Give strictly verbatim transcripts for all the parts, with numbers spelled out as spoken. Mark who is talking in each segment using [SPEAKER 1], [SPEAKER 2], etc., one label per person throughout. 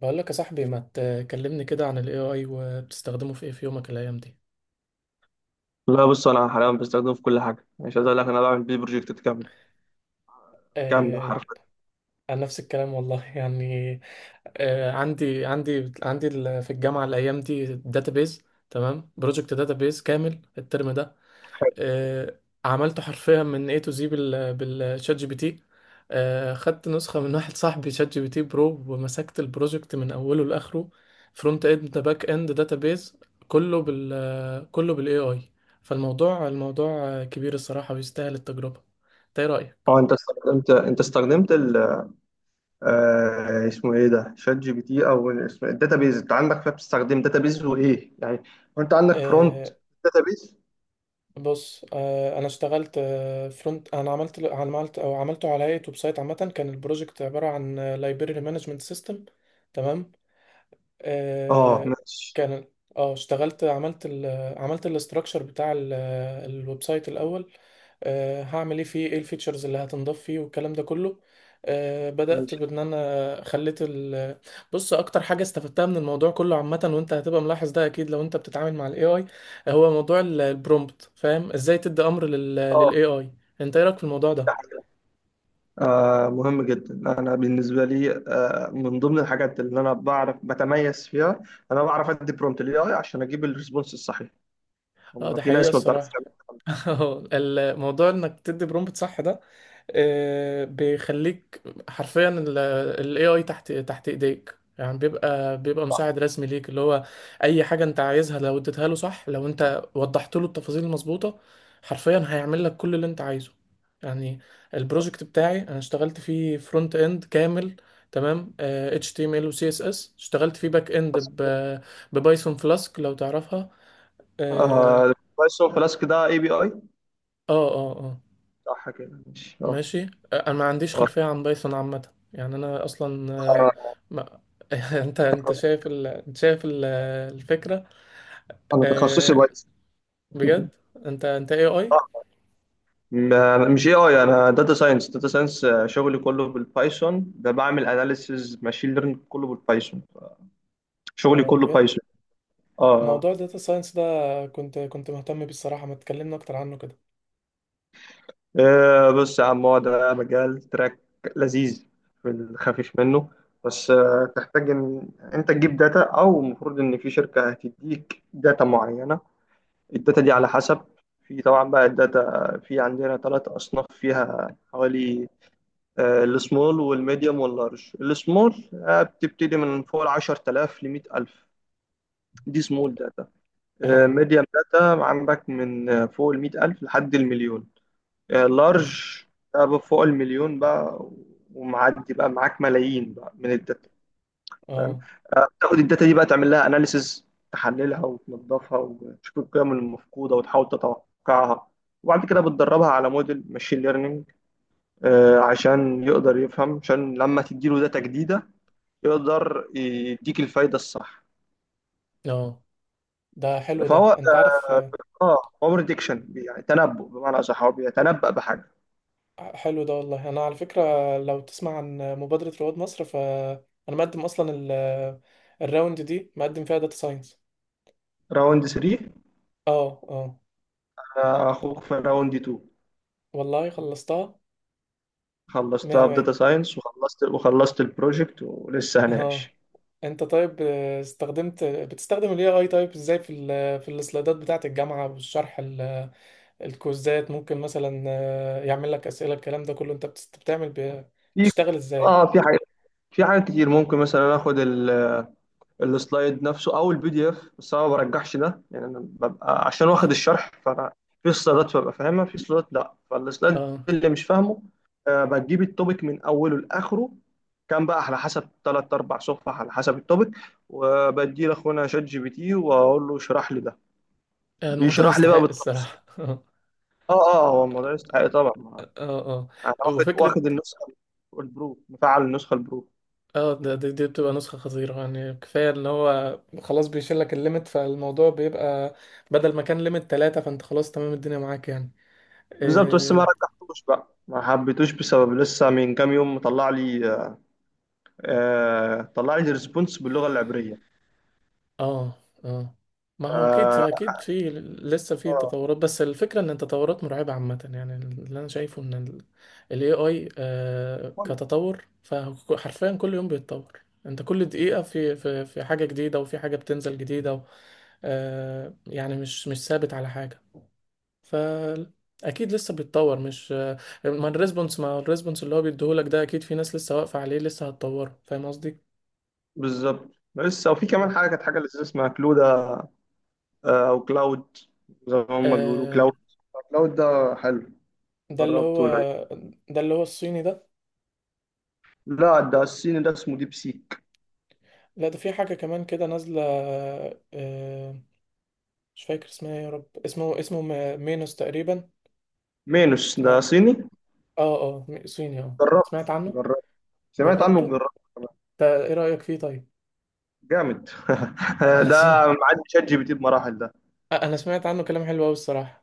[SPEAKER 1] بقول لك يا صاحبي، ما تكلمني كده عن ال إيه آي وبتستخدمه في ايه في يومك الايام دي؟
[SPEAKER 2] لا، بص انا حاليا بستخدمه في كل حاجه. يعني مش عايز اقول لك، انا بعمل بيه بروجكتات كامله، كامله
[SPEAKER 1] آه،
[SPEAKER 2] حرفيا.
[SPEAKER 1] انا نفس الكلام والله. يعني. آه، عندي عندي عندي ال- في الجامعه الايام دي داتابيز. تمام، بروجكت داتابيز كامل الترم ده. آه، عملته حرفيا من A to Z بال بالشات جي بي تي. آه، خدت نسخة من واحد صاحبي شات جي بي تي برو، ومسكت البروجكت من أوله لآخره. فرونت اند، باك اند، داتابيز. كله بال آه، كله بالاي اي. فالموضوع الموضوع آه، كبير الصراحة، ويستاهل التجربة. انت ايه رأيك؟
[SPEAKER 2] اه انت استخدمت انت استخدمت ال آه اسمه ايه ده، شات جي بي تي؟ او اسمه الداتابيز؟ انت عندك فيها بتستخدم داتابيز وايه يعني؟ وانت عندك فرونت
[SPEAKER 1] آه،
[SPEAKER 2] داتابيز؟
[SPEAKER 1] بص. آه، انا اشتغلت آه فرونت. انا عملت عملت او عملته على هيئة ويب سايت عامة. كان البروجكت عبارة عن لايبرري مانجمنت سيستم. تمام.
[SPEAKER 2] اه،
[SPEAKER 1] آه،
[SPEAKER 2] ماشي
[SPEAKER 1] كان، اه اشتغلت. عملت ال عملت الاستراكشر بتاع ال- الويب سايت الاول. آه، هعمل ايه فيه، ايه الفيتشرز اللي هتنضاف فيه والكلام ده كله. آه، بدأت
[SPEAKER 2] ماشي،
[SPEAKER 1] بان انا خليت ال... بص، اكتر حاجة استفدتها من الموضوع كله عامة، وانت هتبقى ملاحظ ده اكيد لو انت بتتعامل مع الاي اي، هو موضوع ال- البرومبت، فاهم ازاي تدي امر لل
[SPEAKER 2] اه.
[SPEAKER 1] للاي اي. انت ايه رايك في الموضوع ده؟
[SPEAKER 2] ده حاجة. آه مهم جدا. انا بالنسبه لي آه من ضمن الحاجات اللي انا بعرف بتميز فيها، انا بعرف ادي برومبت للاي اي عشان اجيب الريسبونس الصحيح.
[SPEAKER 1] اه،
[SPEAKER 2] هم
[SPEAKER 1] ده
[SPEAKER 2] في
[SPEAKER 1] حقيقة
[SPEAKER 2] ناس ما بتعرفش
[SPEAKER 1] الصراحة. الموضوع انك تدي برومبت صح ده، آه، بيخليك حرفيا ال ال A I تحت تحت ايديك، يعني بيبقى بيبقى مساعد رسمي ليك، اللي هو اي حاجه انت عايزها، لو اديتها له صح، لو انت وضحت له التفاصيل المظبوطه، حرفيا هيعمل لك كل اللي انت عايزه. يعني،
[SPEAKER 2] تعمل.
[SPEAKER 1] البروجكت بتاعي انا اشتغلت فيه فرونت اند كامل. تمام، آه، إتش تي إم إل و سي إس إس. اشتغلت فيه باك اند ب- ببايثون فلاسك، لو تعرفها. اه،
[SPEAKER 2] آه بايثون فلاسك ده اي بي اي؟
[SPEAKER 1] اه، اه، آه.
[SPEAKER 2] صح كده، ماشي، اه.
[SPEAKER 1] ماشي. انا ما عنديش
[SPEAKER 2] آه،
[SPEAKER 1] خلفية عن بايثون عامة، يعني انا اصلا آه،
[SPEAKER 2] آه،
[SPEAKER 1] ما... انت انت شايف ال... انت شايف ال... الفكرة.
[SPEAKER 2] انا تخصصي
[SPEAKER 1] آه،
[SPEAKER 2] بايثون.
[SPEAKER 1] بجد؟ انت انت اي اي؟
[SPEAKER 2] اه، م- مش اي اي، انا داتا ساينس. داتا ساينس شغلي كله بالبايثون، ده بعمل اناليسيز ماشين ليرنينج كله بالبايثون. شغلي
[SPEAKER 1] اه،
[SPEAKER 2] كله
[SPEAKER 1] بجد.
[SPEAKER 2] بايثون. اه.
[SPEAKER 1] موضوع الداتا ساينس ده، كنت كنت مهتم بيه الصراحة، ما تكلمنا اكتر عنه كده.
[SPEAKER 2] آه، بص يا عم، هو ده مجال تراك لذيذ في الخفيف منه. بس آه، تحتاج ان انت تجيب داتا، او المفروض ان في شركة هتديك داتا معينة. الداتا دي على
[SPEAKER 1] اه،
[SPEAKER 2] حسب. في طبعا بقى الداتا في عندنا ثلاث أصناف فيها حوالي، آه، السمول والميديوم واللارج. السمول آه، بتبتدي من فوق ال عشرة آلاف ل مية ألف، دي سمول داتا. آه،
[SPEAKER 1] اه،
[SPEAKER 2] ميديوم داتا عندك من آه، فوق ال مية ألف لحد المليون.
[SPEAKER 1] اوف،
[SPEAKER 2] لارج فوق المليون بقى، ومعدي بقى معاك ملايين بقى من الداتا، فاهم؟
[SPEAKER 1] اه،
[SPEAKER 2] آه، تاخد الداتا دي بقى، تعمل لها اناليسز، تحللها وتنظفها وتشوف القيم المفقوده وتحاول تتوقعها، وبعد كده بتدربها على موديل ماشين ليرنينج عشان يقدر يفهم، عشان لما تديله داتا جديده يقدر يديك الفايده الصح.
[SPEAKER 1] اه. ده حلو
[SPEAKER 2] فهو
[SPEAKER 1] ده،
[SPEAKER 2] اه
[SPEAKER 1] انت عارف؟ آه،
[SPEAKER 2] آه، هو بريدكشن، يعني تنبؤ بمعنى اصح، هو بيتنبأ بحاجه.
[SPEAKER 1] حلو ده والله. انا على فكرة، لو تسمع عن مبادرة رواد مصر، فانا مقدم اصلا ال- الراوند دي، مقدم فيها داتا ساينس.
[SPEAKER 2] راوند تلاتة.
[SPEAKER 1] اه، اه،
[SPEAKER 2] آه، اخوك في راوند اتنين،
[SPEAKER 1] والله خلصتها. مية
[SPEAKER 2] خلصتها في داتا
[SPEAKER 1] مية.
[SPEAKER 2] ساينس، وخلصت وخلصت البروجكت ولسه
[SPEAKER 1] اه.
[SPEAKER 2] هناقش.
[SPEAKER 1] انت، طيب، آه، استخدمت بتستخدم ال إيه آي، طيب ازاي في ال في السلايدات بتاعة الجامعة والشرح ال- الكويزات، ممكن مثلا آه، يعمل لك أسئلة الكلام ده كله؟ انت بتست- بتعمل ب-
[SPEAKER 2] في
[SPEAKER 1] بتشتغل ازاي؟
[SPEAKER 2] اه في حاجه في حاجات كتير. ممكن مثلا اخد ال- السلايد نفسه او البي دي اف، بس انا ما برجحش ده. يعني انا ببقى عشان واخد الشرح، فانا في سلايدات ببقى فاهمها، في سلايدات لا. فالسلايد
[SPEAKER 1] اه،
[SPEAKER 2] اللي مش فاهمه، آه، بجيب التوبيك من اوله لاخره، كان بقى على حسب ثلاث اربع صفح على حسب التوبيك، وبدي لاخونا شات جي بي تي واقول له اشرح لي ده.
[SPEAKER 1] الموضوع
[SPEAKER 2] بيشرح لي بقى
[SPEAKER 1] يستحق
[SPEAKER 2] بالتفصيل.
[SPEAKER 1] الصراحة. اه،
[SPEAKER 2] اه اه، هو الموضوع يستحق طبعا.
[SPEAKER 1] اه.
[SPEAKER 2] انا واخد
[SPEAKER 1] وفكرة،
[SPEAKER 2] واخد النسخه البرو، مفعل النسخه البرو،
[SPEAKER 1] اه. ده، دي, دي بتبقى نسخة خطيرة، يعني كفاية ان هو خلاص بيشيل لك الليمت، فالموضوع بيبقى بدل ما كان ليمت ثلاثة، فانت خلاص تمام، الدنيا معاك يعني.
[SPEAKER 2] بالظبط. بس ما
[SPEAKER 1] إيه،
[SPEAKER 2] رجحتوش بقى، ما حبيتوش، بسبب لسه من كام يوم طلع لي آه طلع لي ريسبونس باللغه العبريه.
[SPEAKER 1] اه، اه. ما
[SPEAKER 2] ف-
[SPEAKER 1] هو اكيد
[SPEAKER 2] آه
[SPEAKER 1] اكيد، في لسه في تطورات، بس الفكره ان التطورات مرعبه عامه يعني. اللي انا شايفه ان ال A I آه كتطور، فحرفيا كل يوم بيتطور. انت كل دقيقه في في في حاجه جديده، وفي حاجه بتنزل جديده، و آه يعني مش مش ثابت على حاجه. ف... اكيد لسه بيتطور، مش آه، ما الريسبونس ما الريسبونس اللي هو بيديهولك ده، اكيد في ناس لسه واقفه عليه لسه هتطوره. فاهم قصدي؟
[SPEAKER 2] بالظبط. لسه. وفي كمان حاجه، كانت حاجه لذيذه اسمها كلودا، آه او كلاود، زي ما هم بيقولوا
[SPEAKER 1] مم.
[SPEAKER 2] كلاود. كلاود ده حلو،
[SPEAKER 1] ده اللي
[SPEAKER 2] جربته
[SPEAKER 1] هو...
[SPEAKER 2] ولا؟
[SPEAKER 1] ده اللي هو الصيني ده؟
[SPEAKER 2] لا، ده الصيني، ده اسمه ديب سيك.
[SPEAKER 1] لا، ده في حاجة كمان كده نازلة. آه، مش فاكر اسمها إيه، يا رب. اسمه اسمه م- مينوس تقريبا.
[SPEAKER 2] مينوس ده
[SPEAKER 1] اسمها...
[SPEAKER 2] صيني.
[SPEAKER 1] اه، اه، م- صيني. اه،
[SPEAKER 2] جربت
[SPEAKER 1] سمعت عنه.
[SPEAKER 2] جربت سمعت عنه،
[SPEAKER 1] جربته؟
[SPEAKER 2] جربت كمان.
[SPEAKER 1] ده ايه رأيك فيه طيب؟
[SPEAKER 2] جامد.
[SPEAKER 1] انا س...
[SPEAKER 2] ده معدي شات جي بي تي بمراحل.
[SPEAKER 1] انا سمعت عنه كلام حلو قوي الصراحة.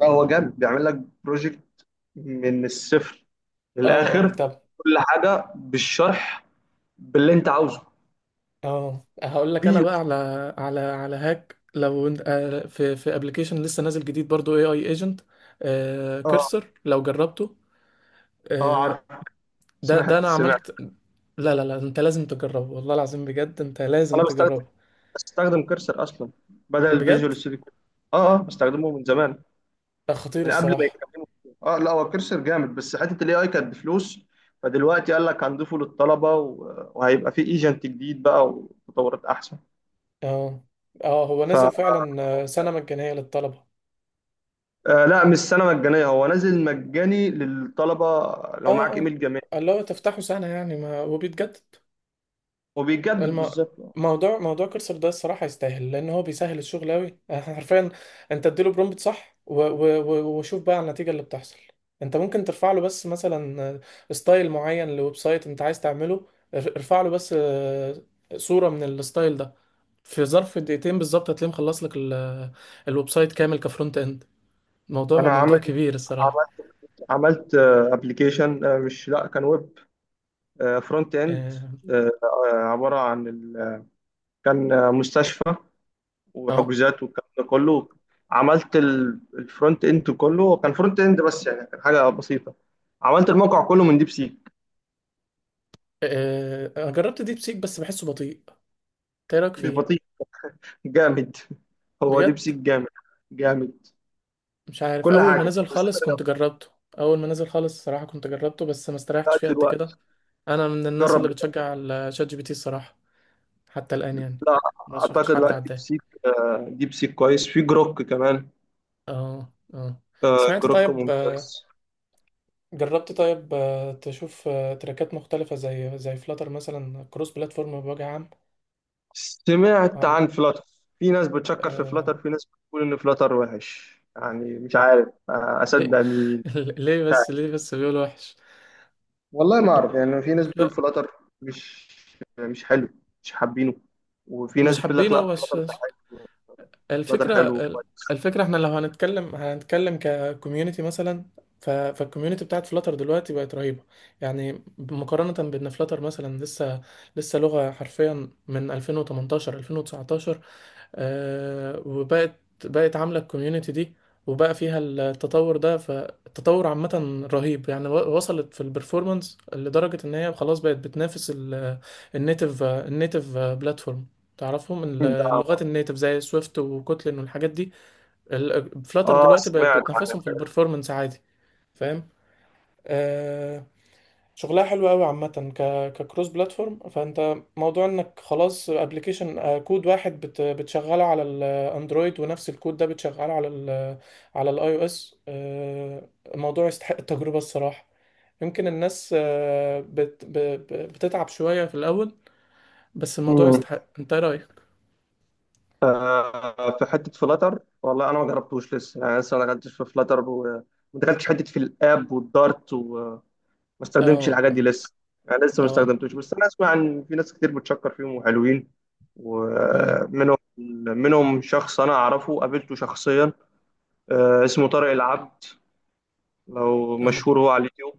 [SPEAKER 2] لا، هو جامد، بيعمل لك بروجكت من الصفر
[SPEAKER 1] اه،
[SPEAKER 2] للاخر،
[SPEAKER 1] اه، طب.
[SPEAKER 2] كل حاجه بالشرح، باللي انت عاوزه.
[SPEAKER 1] اه، هقول لك انا
[SPEAKER 2] وفي،
[SPEAKER 1] بقى على... على على هاك، لو انت آه، في في ابلكيشن لسه نازل جديد برضو، اي اي ايجنت،
[SPEAKER 2] اه
[SPEAKER 1] كرسر، لو جربته؟
[SPEAKER 2] اه،
[SPEAKER 1] آه،
[SPEAKER 2] عارف.
[SPEAKER 1] ده ده
[SPEAKER 2] سمعت
[SPEAKER 1] انا
[SPEAKER 2] سمعت
[SPEAKER 1] عملت... لا، لا، لا، انت لازم تجربه. والله العظيم، بجد انت لازم
[SPEAKER 2] انا بستخدم
[SPEAKER 1] تجربه.
[SPEAKER 2] بستخدم كرسر اصلا، بدل
[SPEAKER 1] بجد،
[SPEAKER 2] الفيجوال ستوديو كود. اه اه، بستخدمه من زمان،
[SPEAKER 1] ده خطير
[SPEAKER 2] من قبل ما
[SPEAKER 1] الصراحة.
[SPEAKER 2] يتكلموا فيه. اه، لا هو كرسر جامد، بس حته الاي اي كانت بفلوس، فدلوقتي قال لك هنضيفه للطلبه، و- وهيبقى في ايجنت جديد بقى وتطورات احسن.
[SPEAKER 1] اه، اه، هو نزل فعلا آه، سنة مجانية للطلبة.
[SPEAKER 2] آه، لا مش سنة مجانية، هو نازل مجاني للطلبة لو
[SPEAKER 1] اه،
[SPEAKER 2] معاك
[SPEAKER 1] اه،
[SPEAKER 2] ايميل جامعي.
[SPEAKER 1] اللي هو تفتحه سنة يعني، ما وبيتجدد.
[SPEAKER 2] وبيجدد
[SPEAKER 1] الم...
[SPEAKER 2] بالظبط.
[SPEAKER 1] موضوع موضوع كرسر ده الصراحة يستاهل، لأن هو بيسهل الشغل أوي حرفيا. أنت اديله برومبت صح، و... و... و... وشوف بقى النتيجة اللي بتحصل. أنت ممكن ترفع له بس مثلا ستايل معين لويب سايت أنت عايز تعمله، ار- ارفع له بس آه، صورة من الستايل ده، في ظرف دقيقتين بالظبط هتلاقيه مخلص لك ال... الويب سايت كامل كفرونت إند. موضوع
[SPEAKER 2] انا
[SPEAKER 1] موضوع
[SPEAKER 2] عملت
[SPEAKER 1] كبير الصراحة.
[SPEAKER 2] عملت عملت ابلكيشن، مش، لا، كان ويب فرونت اند،
[SPEAKER 1] اه،
[SPEAKER 2] عبارة عن ال- كان آه، مستشفى
[SPEAKER 1] آه.
[SPEAKER 2] وحجوزات والكلام ده كله. عملت الفرونت اند كله، كان فرونت اند بس، يعني كان حاجة بسيطة. عملت الموقع كله من ديب سيك.
[SPEAKER 1] آه، أنا جربت ديب سيك، بس بحسه بطيء. إيه رأيك
[SPEAKER 2] مش
[SPEAKER 1] فيه؟
[SPEAKER 2] بطيء، جامد. هو ديب
[SPEAKER 1] بجد؟
[SPEAKER 2] سيك جامد. جامد
[SPEAKER 1] مش
[SPEAKER 2] في
[SPEAKER 1] عارف،
[SPEAKER 2] كل
[SPEAKER 1] اول ما
[SPEAKER 2] حاجة
[SPEAKER 1] نزل
[SPEAKER 2] بالذات
[SPEAKER 1] خالص كنت
[SPEAKER 2] الرياضة.
[SPEAKER 1] جربته. اول ما نزل خالص، الصراحه كنت جربته بس ما
[SPEAKER 2] لا،
[SPEAKER 1] استريحتش فيه قد
[SPEAKER 2] دلوقتي
[SPEAKER 1] كده. انا من الناس
[SPEAKER 2] جرب.
[SPEAKER 1] اللي بتشجع على شات جي بي تي الصراحه. حتى الان يعني،
[SPEAKER 2] لا،
[SPEAKER 1] ما شفتش
[SPEAKER 2] اعتقد
[SPEAKER 1] حد
[SPEAKER 2] لا. ديب
[SPEAKER 1] عداه.
[SPEAKER 2] سيك آه، ديب سيك كويس. في جروك كمان،
[SPEAKER 1] اه، اه،
[SPEAKER 2] آه،
[SPEAKER 1] سمعت
[SPEAKER 2] جروك
[SPEAKER 1] طيب. آه،
[SPEAKER 2] ممتاز.
[SPEAKER 1] جربت طيب آه، تشوف آه، تراكات مختلفه زي زي فلاتر مثلا، كروس بلاتفورم بوجه عام؟
[SPEAKER 2] سمعت
[SPEAKER 1] عن...
[SPEAKER 2] عن فلاتر. في ناس بتشكر في
[SPEAKER 1] آه...
[SPEAKER 2] فلاتر، في ناس بتقول ان فلاتر وحش. يعني مش عارف آه،
[SPEAKER 1] ليه؟
[SPEAKER 2] اصدق مين.
[SPEAKER 1] ليه
[SPEAKER 2] مش
[SPEAKER 1] بس
[SPEAKER 2] عارف،
[SPEAKER 1] ليه بس بيقول وحش؟
[SPEAKER 2] والله ما اعرف. يعني في ناس
[SPEAKER 1] مش، لا،
[SPEAKER 2] بتقول فلاتر مش مش حلو، مش حابينه. وفي
[SPEAKER 1] مش
[SPEAKER 2] ناس بتقول لك لا،
[SPEAKER 1] حابينه بس.
[SPEAKER 2] فلاتر ده حلو. فلاتر
[SPEAKER 1] الفكرة...
[SPEAKER 2] حلو كويس،
[SPEAKER 1] الفكرة، احنا لو هنتكلم، هنتكلم ككوميونتي مثلا، ف... فالكوميونتي بتاعت فلاتر دلوقتي بقت رهيبة. يعني مقارنة بان فلاتر مثلا لسه، لسه لغة حرفيا من ألفين وتمنتاشر، ألفين وتسعتاشر، آه، وبقت بقت عاملة الكوميونتي دي. وبقى فيها التطور ده، فالتطور عامة رهيب يعني. و- وصلت في البرفورمانس لدرجة ان هي خلاص بقت بتنافس النيتف النيتف بلاتفورم. تعرفهم ال-
[SPEAKER 2] ده.
[SPEAKER 1] اللغات النيتف زي سويفت وكوتلين والحاجات دي. فلاتر
[SPEAKER 2] اه،
[SPEAKER 1] دلوقتي بقت
[SPEAKER 2] سمعت
[SPEAKER 1] بتنافسهم في البرفورمانس عادي. فاهم؟ آه، شغلها حلو قوي عامة. ك... ككروس بلاتفورم، فانت موضوع انك خلاص ابلكيشن كود واحد بت بتشغله على الاندرويد ونفس الكود ده بتشغله على ال آه، على الاي او اس. الموضوع يستحق التجربة الصراحة. يمكن الناس آه، بت ب- ب- بتتعب شوية في الاول، بس الموضوع
[SPEAKER 2] عنه.
[SPEAKER 1] يستحق. انت إيه رأيك؟
[SPEAKER 2] آه، في حته فلاتر، والله انا ما جربتوش لسه. يعني لسه ما دخلتش في فلاتر، وما دخلتش حته في الاب والدارت، وما استخدمتش
[SPEAKER 1] اه،
[SPEAKER 2] الحاجات دي
[SPEAKER 1] اه،
[SPEAKER 2] لسه. يعني لسه ما
[SPEAKER 1] اه،
[SPEAKER 2] استخدمتوش. بس انا اسمع ان في ناس كتير بتشكر فيهم وحلوين.
[SPEAKER 1] اه،
[SPEAKER 2] ومنهم منهم شخص انا اعرفه، قابلته شخصيا. آه، اسمه طارق العبد، لو
[SPEAKER 1] اه،
[SPEAKER 2] مشهور هو على اليوتيوب.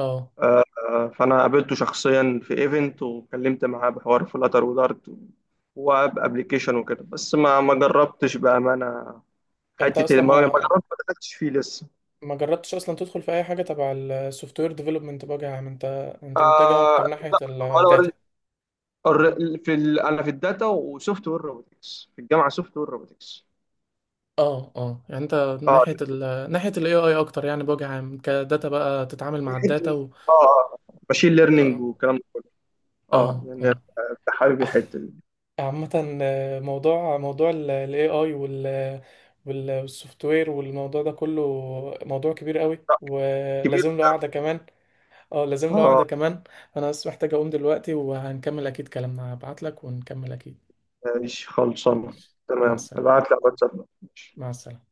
[SPEAKER 1] آه.
[SPEAKER 2] آه، آه، فانا قابلته شخصيا في ايفنت، وكلمت معاه بحوار فلاتر ودارت واب ابلكيشن وكده. بس ما ما جربتش بامانه
[SPEAKER 1] انت
[SPEAKER 2] حته،
[SPEAKER 1] اصلا
[SPEAKER 2] ما هو ما
[SPEAKER 1] ما...
[SPEAKER 2] دخلتش فيه لسه.
[SPEAKER 1] ما جربتش اصلا تدخل في اي حاجه تبع السوفت وير ديفلوبمنت بقى يا عم، انت انت متجه
[SPEAKER 2] آه،
[SPEAKER 1] اكتر ناحيه
[SPEAKER 2] لا، ولا
[SPEAKER 1] الداتا.
[SPEAKER 2] اوريدي. الر- في ال... انا في الداتا وسوفت وير روبوتكس في الجامعه، سوفت وير روبوتكس.
[SPEAKER 1] اه، اه، يعني انت
[SPEAKER 2] اه،
[SPEAKER 1] ناحيه ال ناحيه الاي اي اكتر يعني، بوجه عام كداتا بقى، تتعامل
[SPEAKER 2] دي
[SPEAKER 1] مع
[SPEAKER 2] حته،
[SPEAKER 1] الداتا و...
[SPEAKER 2] اه، ماشين ليرنينج
[SPEAKER 1] اه،
[SPEAKER 2] والكلام ده كله. اه،
[SPEAKER 1] اه،
[SPEAKER 2] يعني
[SPEAKER 1] اه.
[SPEAKER 2] أنت حابب الحته دي.
[SPEAKER 1] عامة آه، موضوع موضوع ال A I وال والسوفت وير والموضوع ده كله، موضوع كبير قوي،
[SPEAKER 2] لا، كبير.
[SPEAKER 1] ولازم له قعدة كمان. اه، لازم له
[SPEAKER 2] اه،
[SPEAKER 1] قعدة كمان. انا بس محتاج اقوم دلوقتي، وهنكمل اكيد كلامنا، هبعت لك ونكمل اكيد.
[SPEAKER 2] ماشي، خلصانه
[SPEAKER 1] ماشي. مع
[SPEAKER 2] تمام،
[SPEAKER 1] السلامة.
[SPEAKER 2] ابعت لك واتساب.
[SPEAKER 1] مع السلامة.